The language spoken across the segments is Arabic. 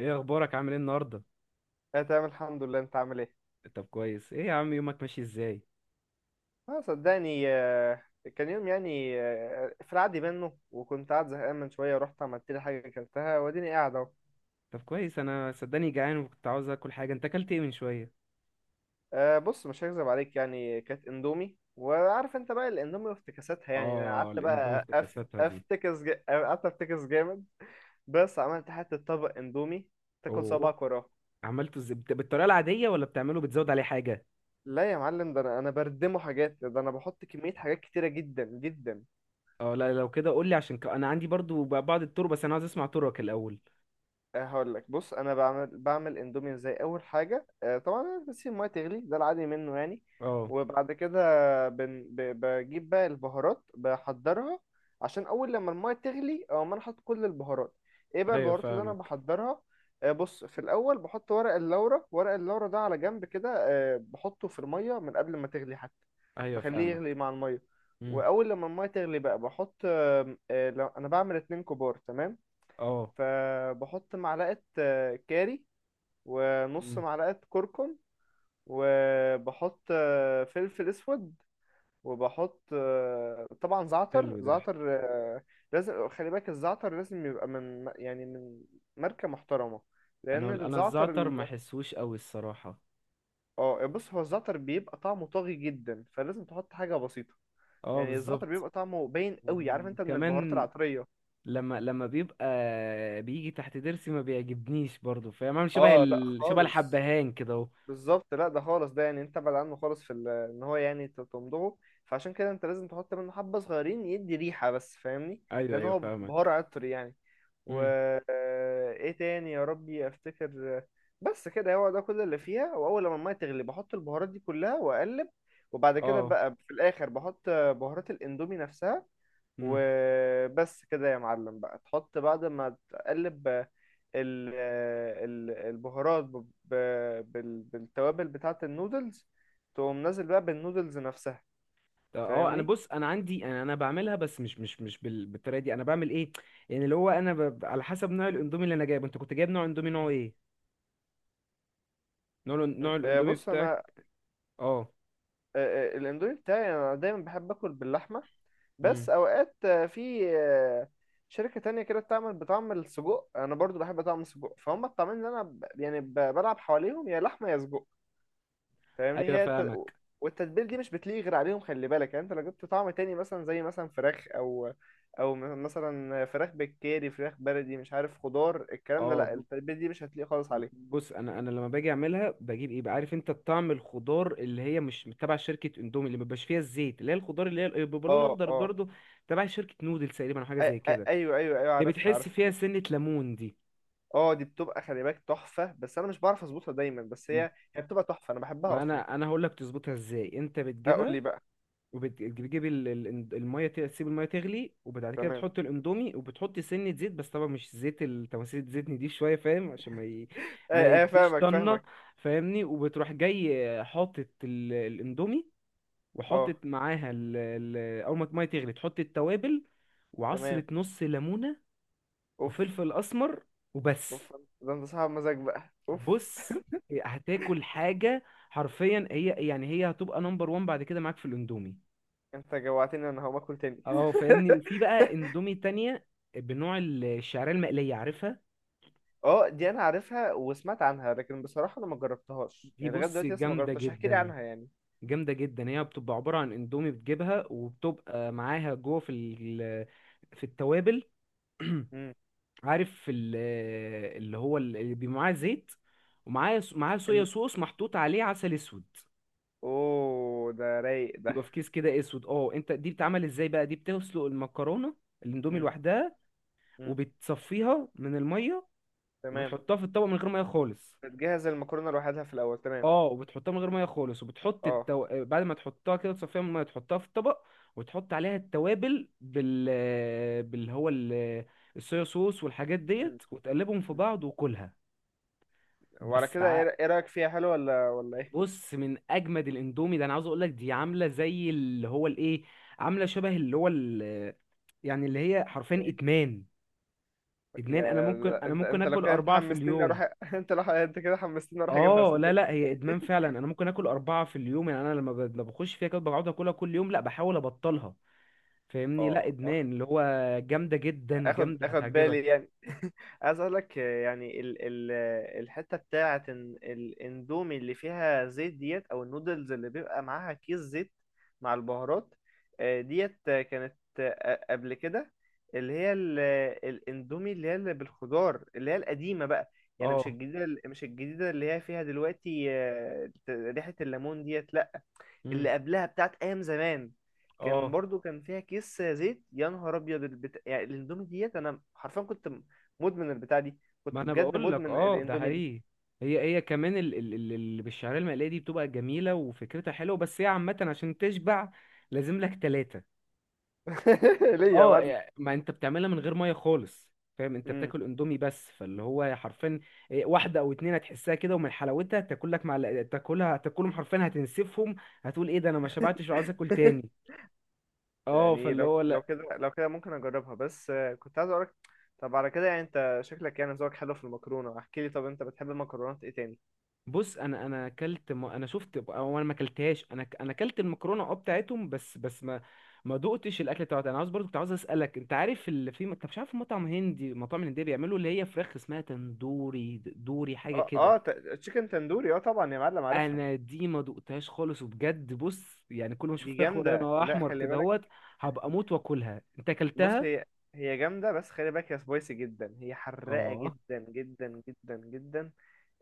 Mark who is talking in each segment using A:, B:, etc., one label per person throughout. A: ايه اخبارك؟ عامل ايه النهارده؟
B: انا تمام الحمد لله، انت عامل ايه؟
A: طب كويس، ايه يا عم يومك ماشي ازاي؟
B: اه صدقني. كان يوم يعني في العادي منه، وكنت قاعد زهقان من شويه، ورحت عملت لي حاجه اكلتها، واديني قاعد اهو.
A: طب كويس، انا صدقني جعان وكنت عاوز اكل حاجه. انت اكلت ايه من شويه؟
B: بص، مش هكذب عليك، يعني كانت اندومي، وعارف انت بقى الاندومي وافتكاساتها. يعني انا
A: اه
B: قعدت
A: الاندومي
B: بقى
A: افتكاساتها دي.
B: افتكس قعدت افتكس جامد. بس عملت حته طبق اندومي تاكل
A: اوه،
B: صباعك وراه.
A: عملته ازاي؟ بالطريقه العاديه ولا بتعمله بتزود عليه حاجه؟
B: لا يا معلم، ده انا بردمه حاجات، ده انا بحط كميه حاجات كتيره جدا جدا.
A: اه لا لو كده قول لي، عشان انا عندي برضو بعض الطرق، بس انا عاوز اسمع طرقك الاول.
B: هقول لك. بص، انا بعمل اندومي ازاي؟ اول حاجه، طبعا أنا بسيب الميه تغلي، ده العادي منه يعني.
A: اه،
B: وبعد كده بجيب بقى البهارات بحضرها، عشان اول لما الميه تغلي او ما، انا احط كل البهارات. ايه بقى
A: ايوه
B: البهارات اللي انا
A: فاهمك.
B: بحضرها؟ بص، في الاول بحط ورق اللورا. ورق اللورا ده على جنب كده، بحطه في الميه من قبل ما تغلي حتى،
A: ايوه
B: بخليه يغلي
A: فاهمك.
B: مع الميه.
A: امم.
B: واول لما الميه تغلي بقى بحط، انا بعمل اتنين كبار تمام.
A: اه.
B: فبحط معلقة كاري، ونص
A: امم.
B: معلقة كركم، وبحط فلفل اسود، وبحط طبعا زعتر.
A: حلو ده.
B: زعتر لازم، خلي بالك الزعتر لازم يبقى من يعني من ماركة محترمة،
A: انا
B: لأن
A: انا
B: الزعتر
A: الزعتر ما احسوش قوي الصراحه.
B: اه بص، هو الزعتر بيبقى طعمه طاغي جدا، فلازم تحط حاجة بسيطة.
A: اه
B: يعني الزعتر
A: بالظبط.
B: بيبقى طعمه باين قوي، عارف انت، من البهارات
A: وكمان
B: العطرية.
A: لما بيبقى بيجي تحت ضرسي ما بيعجبنيش برضو، فاهم؟ عامل شبه
B: اه لا
A: شبه
B: خالص.
A: الحبهان كده اهو.
B: بالظبط، لا ده خالص، ده يعني انت ابعد عنه خالص في ان هو يعني تمضغه، فعشان كده انت لازم تحط منه حبة صغيرين يدي ريحة بس، فاهمني؟
A: ايوه
B: لان
A: ايوه
B: هو بهار
A: فاهمك.
B: عطر يعني. و
A: امم.
B: ايه تاني يا ربي افتكر. بس كده، هو ده كل اللي فيها. واول لما الميه تغلي بحط البهارات دي كلها واقلب. وبعد كده
A: اه.
B: بقى في الاخر بحط بهارات الاندومي نفسها.
A: امم.
B: وبس كده يا معلم، بقى تحط، بعد ما تقلب البهارات بالتوابل بتاعة النودلز، تقوم نازل بقى بالنودلز نفسها،
A: طب اه انا
B: فاهمني؟
A: بص، انا عندي، انا بعملها بس مش بالطريقه دي. انا بعمل ايه يعني؟ اللي هو انا على حسب نوع الاندومي اللي انا جايبه. انت كنت جايب نوع اندومي نوع ايه؟ نوع
B: م.
A: نوع
B: آه،
A: الاندومي
B: بص انا،
A: بتاعك. اه.
B: الاندومي بتاعي انا دايما بحب اكل باللحمة. بس
A: امم.
B: اوقات في شركة تانية كده بتعمل بطعم السجق، انا برضو بحب طعم السجق. فهم الطعمين اللي انا يعني بلعب حواليهم، يا لحمة يا سجق. فاهمني؟
A: ايوه
B: هي
A: فاهمك.
B: والتتبيل دي مش بتليق غير عليهم، خلي بالك. يعني انت لو جبت طعم تاني، مثلا زي مثلا فراخ، او او مثلا فراخ بالكاري، فراخ بلدي، مش عارف، خضار، الكلام ده،
A: اه
B: لا، التتبيل دي مش هتليق خالص عليه.
A: بص، انا لما باجي اعملها بجيب ايه بقى؟ عارف انت الطعم الخضار اللي هي مش تبع شركه اندومي، اللي مبيبقاش فيها الزيت، اللي هي الخضار اللي هي بيبقى لون
B: اه
A: اخضر
B: اه
A: برضه، تبع شركه نودلز تقريبا او حاجه
B: أي-
A: زي كده،
B: ايوه ايوه ايوه،
A: اللي
B: عارفها
A: بتحس
B: عارفها.
A: فيها سنه ليمون دي.
B: اه، دي بتبقى، خلي بالك، تحفة، بس انا مش بعرف اظبطها دايما. بس هي بتبقى تحفة، انا بحبها
A: ما
B: اصلا.
A: انا هقول لك تظبطها ازاي. انت
B: اقول لي
A: بتجيبها
B: بقى.
A: وبتجيب الميه، تسيب الميه تغلي وبعد كده
B: تمام.
A: بتحط الاندومي وبتحط سنه زيت، بس طبعا مش زيت التماثيل، زيتني دي شويه فاهم، عشان ما ما
B: ايه ايه
A: يديش
B: فاهمك
A: طنه.
B: فاهمك.
A: فاهمني؟ وبتروح جاي حاطط الاندومي
B: اه
A: وحطت معاها اول ما الميه تغلي تحط التوابل
B: تمام.
A: وعصرة نص ليمونة
B: اوف.
A: وفلفل اسمر وبس.
B: اوف، ده انت صاحب مزاج بقى، اوف.
A: بص هتاكل حاجة حرفيا، هي يعني هي هتبقى نمبر وان بعد كده معاك في الاندومي.
B: انت جوعتني، انا هقوم اكل تاني.
A: اه فاهمني. وفي بقى اندومي تانية بنوع الشعرية المقلية، عارفها؟
B: اه، دي انا عارفها وسمعت عنها، لكن بصراحة انا ما جربتهاش
A: دي
B: يعني، لغاية
A: بص
B: دلوقتي لسه ما
A: جامدة
B: جربتهاش. احكي لي
A: جدا،
B: عنها يعني.
A: جامدة جدا. هي بتبقى عبارة عن اندومي بتجيبها وبتبقى معاها جوه في في التوابل.
B: امم.
A: عارف اللي هو اللي بيبقى معاه زيت، ومعاه صويا
B: ال...
A: صوص محطوط عليه عسل اسود.
B: اوه، ده رايق ده.
A: بيبقى في كيس كده اسود. اه انت دي بتتعمل ازاي بقى؟ دي بتسلق المكرونه، الاندومي
B: امم.
A: لوحدها،
B: امم.
A: وبتصفيها من الميه
B: تمام.
A: وبتحطها في الطبق من غير ميه خالص.
B: بتجهز المكرونة لوحدها في الاول، تمام.
A: اه وبتحطها من غير ميه خالص وبتحط
B: اه.
A: بعد ما تحطها كده تصفيها من الميه، تحطها في الطبق وتحط عليها التوابل باللي هو الصويا صوص والحاجات
B: امم.
A: ديت وتقلبهم في بعض وكلها.
B: وعلى
A: بس
B: كده
A: ع-
B: ايه؟ إيه رأيك فيها؟ حلو ولا ايه؟
A: بص من اجمد الاندومي. ده انا عاوز اقول لك دي عامله زي اللي هو الايه، عامله شبه اللي هو يعني اللي هي حرفيا
B: ايه؟
A: ادمان. ادمان. انا ممكن، انا
B: انت
A: ممكن
B: انت لو
A: اكل
B: كده انت
A: اربعه في
B: حمستني
A: اليوم.
B: اروح. انت لو كده حمستني اروح اجيبها،
A: اه لا
B: صدق.
A: لا، هي ادمان فعلا. انا ممكن اكل اربعه في اليوم. يعني انا لما لما بخش فيها كده بقعد اكلها كل يوم، لا بحاول ابطلها. فاهمني؟ لا
B: اه.
A: ادمان اللي هو جامده جدا،
B: اخد
A: جامده،
B: اخد بالي
A: هتعجبك.
B: يعني. عايز اقول لك يعني ال الحته بتاعه، إن الاندومي اللي فيها زيت ديت، او النودلز اللي بيبقى معاها كيس زيت مع البهارات ديت كانت قبل كده، اللي هي الاندومي اللي هي اللي بالخضار، اللي هي القديمه بقى. يعني مش
A: اه.
B: الجديده، مش الجديده اللي هي فيها دلوقتي ريحه الليمون ديت، لا، اللي
A: امم.
B: قبلها بتاعت ايام زمان، كان
A: اه.
B: برضو كان فيها كيس زيت. يا نهار ابيض، يعني الاندومي ديت، انا حرفيا كنت مدمن البتاع دي،
A: ما
B: كنت
A: انا
B: بجد
A: بقول لك،
B: مدمن
A: اه ده
B: الاندومي دي.
A: حقيقي. هي، هي كمان اللي بالشعريه المقليه دي بتبقى جميله وفكرتها حلوه، بس هي عامه عشان تشبع لازم لك ثلاثه.
B: ليه يا
A: اه
B: معلم؟
A: يعني ما انت بتعملها من غير ميه خالص، فاهم؟ انت
B: امم.
A: بتاكل اندومي بس، فاللي هو حرفيا إيه، واحده او اتنين هتحسها كده، ومن حلاوتها تاكل لك مع، تاكلها، هتاكلهم حرفيا، هتنسفهم. هتقول ايه ده، انا ما شبعتش وعايز اكل تاني. اه
B: يعني
A: فاللي
B: لو
A: هو
B: لو كده لو كده ممكن اجربها، بس كنت عايز اقولك. طب على كده يعني انت شكلك، يعني ذوقك حلو في المكرونه. احكي لي، طب انت بتحب المكرونات ايه تاني؟
A: بص، انا اكلت انا شفت او انا ما اكلتهاش. انا انا اكلت المكرونه اه بتاعتهم، بس بس ما ما دقتش الاكل بتاعتها. انا عاوز برضو كنت عاوز اسالك، انت عارف اللي في، انت مش عارف مطعم هندي، مطاعم هنديه بيعملوا اللي هي فراخ اسمها تندوري، دوري حاجه
B: اه
A: كده.
B: اه تشيكن تندوري، اه طبعا يا معلم عارفها.
A: انا دي ما دقتهاش خالص وبجد. بص يعني كل ما اشوف
B: دي
A: فراخ ولا
B: جامده،
A: انا
B: لا
A: احمر
B: خلي
A: كده
B: بالك.
A: اهوت. هبقى اموت واكلها. انت
B: بص
A: اكلتها؟
B: هي، جامدة بس خلي بالك، هي سبايسي جدا، هي حراقة
A: اه
B: جدا جدا جدا جدا.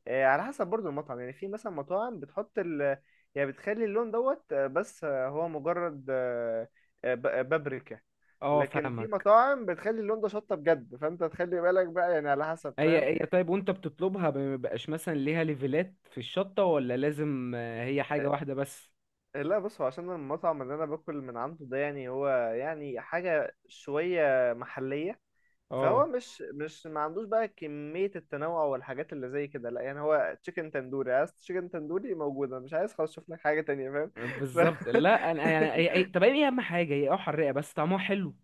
B: آه، على حسب برضو المطعم. يعني في مثلا مطاعم بتحط يعني بتخلي اللون دوت، بس هو مجرد بابريكا.
A: اه
B: لكن في
A: فاهمك.
B: مطاعم بتخلي اللون ده شطة بجد، فانت تخلي بالك بقى يعني، على حسب،
A: هي،
B: فاهم؟
A: هي طيب، وانت بتطلبها ما بيبقاش مثلا ليها ليفلات في الشطه؟ ولا لازم هي حاجه واحده بس؟
B: لا بص، هو عشان المطعم اللي انا باكل من عنده ده، يعني هو يعني حاجة شوية محلية، فهو
A: اه
B: مش ما عندوش بقى كمية التنوع والحاجات اللي زي كده، لا. يعني هو تشيكن تندوري، عايز تشيكن تندوري موجودة، مش عايز خلاص شوف لك حاجة تانية، فاهم؟ ف...
A: بالظبط. لا انا يعني طب ايه اهم حاجه هي اه حراقه بس طعمها حلو.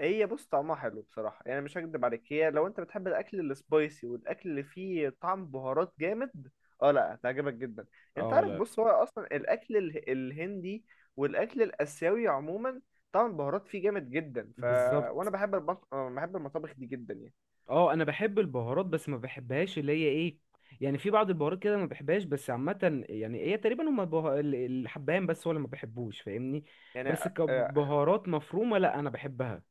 B: هي بص طعمها حلو بصراحة، يعني مش هكدب عليك. هي لو انت بتحب الأكل السبايسي والأكل اللي فيه طعم بهارات جامد، اه لا هتعجبك جدا. انت
A: اه
B: عارف،
A: لا
B: بص، هو أصلا الأكل الهندي والأكل الآسيوي عموما، طعم البهارات فيه جامد جدا.
A: بالظبط.
B: وانا بحب بحب المطابخ دي جدا يعني.
A: اه انا بحب البهارات، بس ما بحبهاش اللي هي ايه، يعني في بعض البهارات كده ما بحبهاش، بس عامة يعني هي تقريبا هما الحبهان بس هو اللي ما بحبوش، فاهمني؟
B: يعني
A: بس كبهارات مفرومة لا انا بحبها.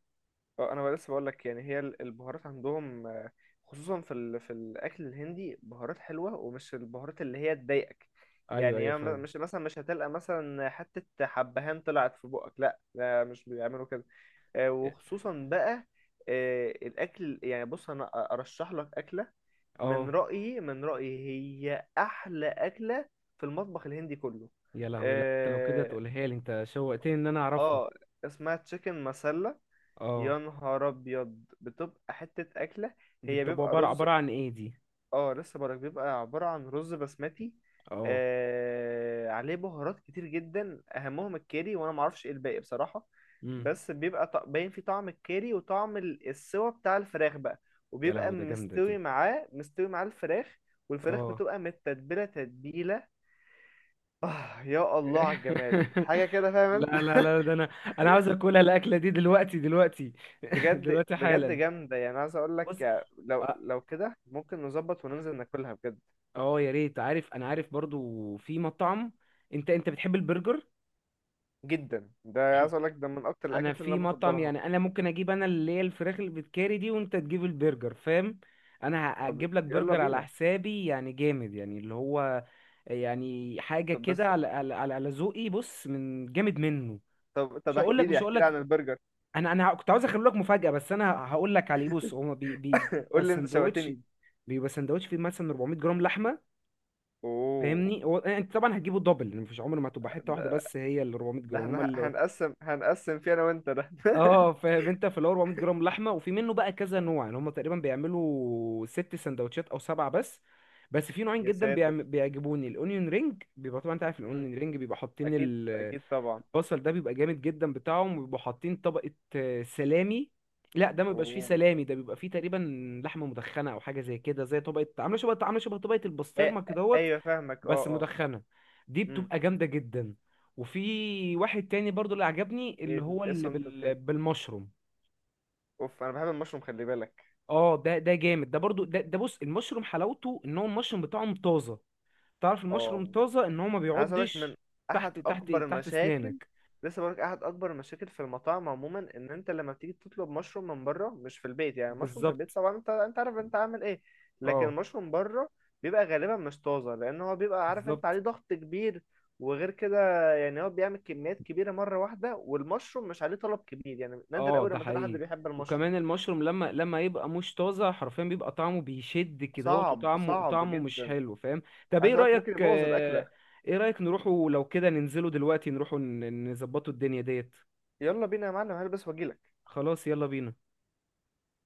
B: اه انا لسه بقول لك، يعني هي البهارات عندهم خصوصا في في الاكل الهندي، بهارات حلوه ومش البهارات اللي هي تضايقك.
A: ايوه
B: يعني
A: ايوه
B: هي
A: فاهم.
B: مش مثلا، مش هتلقى مثلا حته حبهان طلعت في بقك، لا لا، مش بيعملوا كده. وخصوصا بقى الاكل، يعني بص، انا ارشح لك اكله. من
A: اه.
B: رايي من رايي هي احلى اكله في المطبخ الهندي كله،
A: يا لهوي، لا انت لو كده
B: آه،
A: تقولها لي، انت شوقتني ان انا اعرفها.
B: اه، اسمها تشيكن مسلة.
A: اه
B: يا نهار ابيض، بتبقى حتة اكلة.
A: دي
B: هي
A: بتبقى
B: بيبقى
A: عبارة،
B: رز،
A: عبارة عن ايه دي؟
B: اه لسه بقولك، بيبقى عبارة عن رز بسمتي
A: اه.
B: عليه بهارات كتير جدا، اهمهم الكاري، وانا معرفش ايه الباقي بصراحة.
A: امم.
B: بس بيبقى باين فيه طعم الكاري وطعم السوا بتاع الفراخ بقى،
A: يا
B: وبيبقى
A: لهوي ده جامدة دي.
B: مستوي معاه الفراخ، والفراخ
A: اه.
B: بتبقى متتبلة تتبيلة. آه يا الله على الجمال، حاجة كده فاهم انت؟
A: لا لا لا، ده انا، انا عاوز اكلها الاكله دي دلوقتي دلوقتي.
B: بجد
A: دلوقتي
B: بجد
A: حالا.
B: جامدة، يعني عايز اقول
A: بص.
B: لك، لو
A: اه.
B: لو كده ممكن نظبط وننزل ناكلها بجد.
A: يا ريت. عارف انا عارف برضو في مطعم. انت، انت بتحب البرجر؟
B: جدا، ده عايز اقول لك، ده من اكتر
A: انا
B: الاكلات اللي
A: في
B: انا
A: مطعم
B: بفضلها.
A: يعني، انا ممكن اجيب انا اللي هي الفراخ اللي بتكاري دي، وانت تجيب البرجر فاهم؟ انا
B: طب
A: هجيب لك
B: يلا
A: برجر على
B: بينا.
A: حسابي يعني جامد، يعني اللي هو يعني حاجه
B: طب
A: كده
B: بس،
A: على على على على ذوقي. بص من جامد منه.
B: طب
A: مش هقول
B: احكي
A: لك،
B: لي،
A: مش هقول لك.
B: عن البرجر.
A: انا كنت عاوز اخلي لك مفاجاه، بس انا هقول لك عليه. بص هو بيبقى
B: قول لي، انت
A: سندوتش،
B: شوقتني.
A: بيبقى سندوتش فيه مثلا 400 جرام لحمه
B: اوه.
A: فاهمني. هو انت طبعا هتجيبه دبل، مفيش عمر ما هتبقى حته واحده،
B: ده
A: بس هي ال 400
B: ده
A: جرام هما.
B: احنا هنقسم فيه انا وانت ده.
A: اه فاهم، انت في ال 400 جرام لحمه، وفي منه بقى كذا نوع يعني. هم تقريبا بيعملوا ست سندوتشات او سبعه بس، بس في نوعين
B: يا
A: جدا
B: ساتر.
A: بيعجبوني. الاونيون رينج، بيبقى طبعا انت عارف
B: مم.
A: الاونيون رينج، بيبقى حاطين
B: اكيد اكيد طبعا.
A: البصل ده بيبقى جامد جدا بتاعهم، وبيبقوا حاطين طبقه سلامي. لا ده ما بيبقاش فيه
B: اوه.
A: سلامي، ده بيبقى فيه تقريبا لحمه مدخنه او حاجه زي كده، زي طبقه عامله شبه، عامله شبه طبقه البسطرمه
B: أي...
A: كدهوت،
B: ايوه فاهمك. اه.
A: بس
B: اه.
A: مدخنة. دي
B: امم.
A: بتبقى جامدة جدا. وفي واحد تاني برضو اللي عجبني،
B: ايه
A: اللي هو
B: إيه
A: اللي
B: الصنف التاني؟
A: بالمشروم.
B: اوف، انا بحب المشروم خلي بالك.
A: اه ده، ده جامد ده برضو ده، ده بص المشروم حلاوته ان هو المشروم بتاعهم طازة. تعرف المشروم
B: اه.
A: طازة ان هو ما
B: أنا عايز أقولك من
A: بيعضش تحت،
B: أحد
A: تحت،
B: أكبر
A: تحت
B: المشاكل،
A: اسنانك.
B: لسه بقولك أحد أكبر المشاكل في المطاعم عموما، إن أنت لما بتيجي تطلب مشروم من بره، مش في البيت. يعني المشروم في البيت،
A: بالظبط.
B: طبعا أنت، أنت عارف أنت عامل إيه. لكن
A: اه
B: المشروم بره بيبقى غالبا مش طازة، لأن هو بيبقى، عارف أنت،
A: بالظبط،
B: عليه ضغط كبير. وغير كده، يعني هو بيعمل كميات كبيرة مرة واحدة، والمشروم مش عليه طلب كبير، يعني نادر
A: اه
B: أوي
A: ده
B: لما تلاقي حد
A: حقيقي.
B: بيحب المشروم.
A: وكمان المشروم لما يبقى مش طازه حرفيا بيبقى طعمه بيشد كده، هو
B: صعب،
A: وطعمه،
B: صعب
A: طعمه مش
B: جدا.
A: حلو فاهم. طب
B: عايز
A: ايه
B: أقولك
A: رايك
B: ممكن يبوظ الأكلة.
A: ايه رايك نروحوا لو كده ننزلوا دلوقتي، نروحوا نظبطوا الدنيا ديت؟
B: يلا بينا يا معلم، هلبس وأجيلك.
A: خلاص يلا بينا.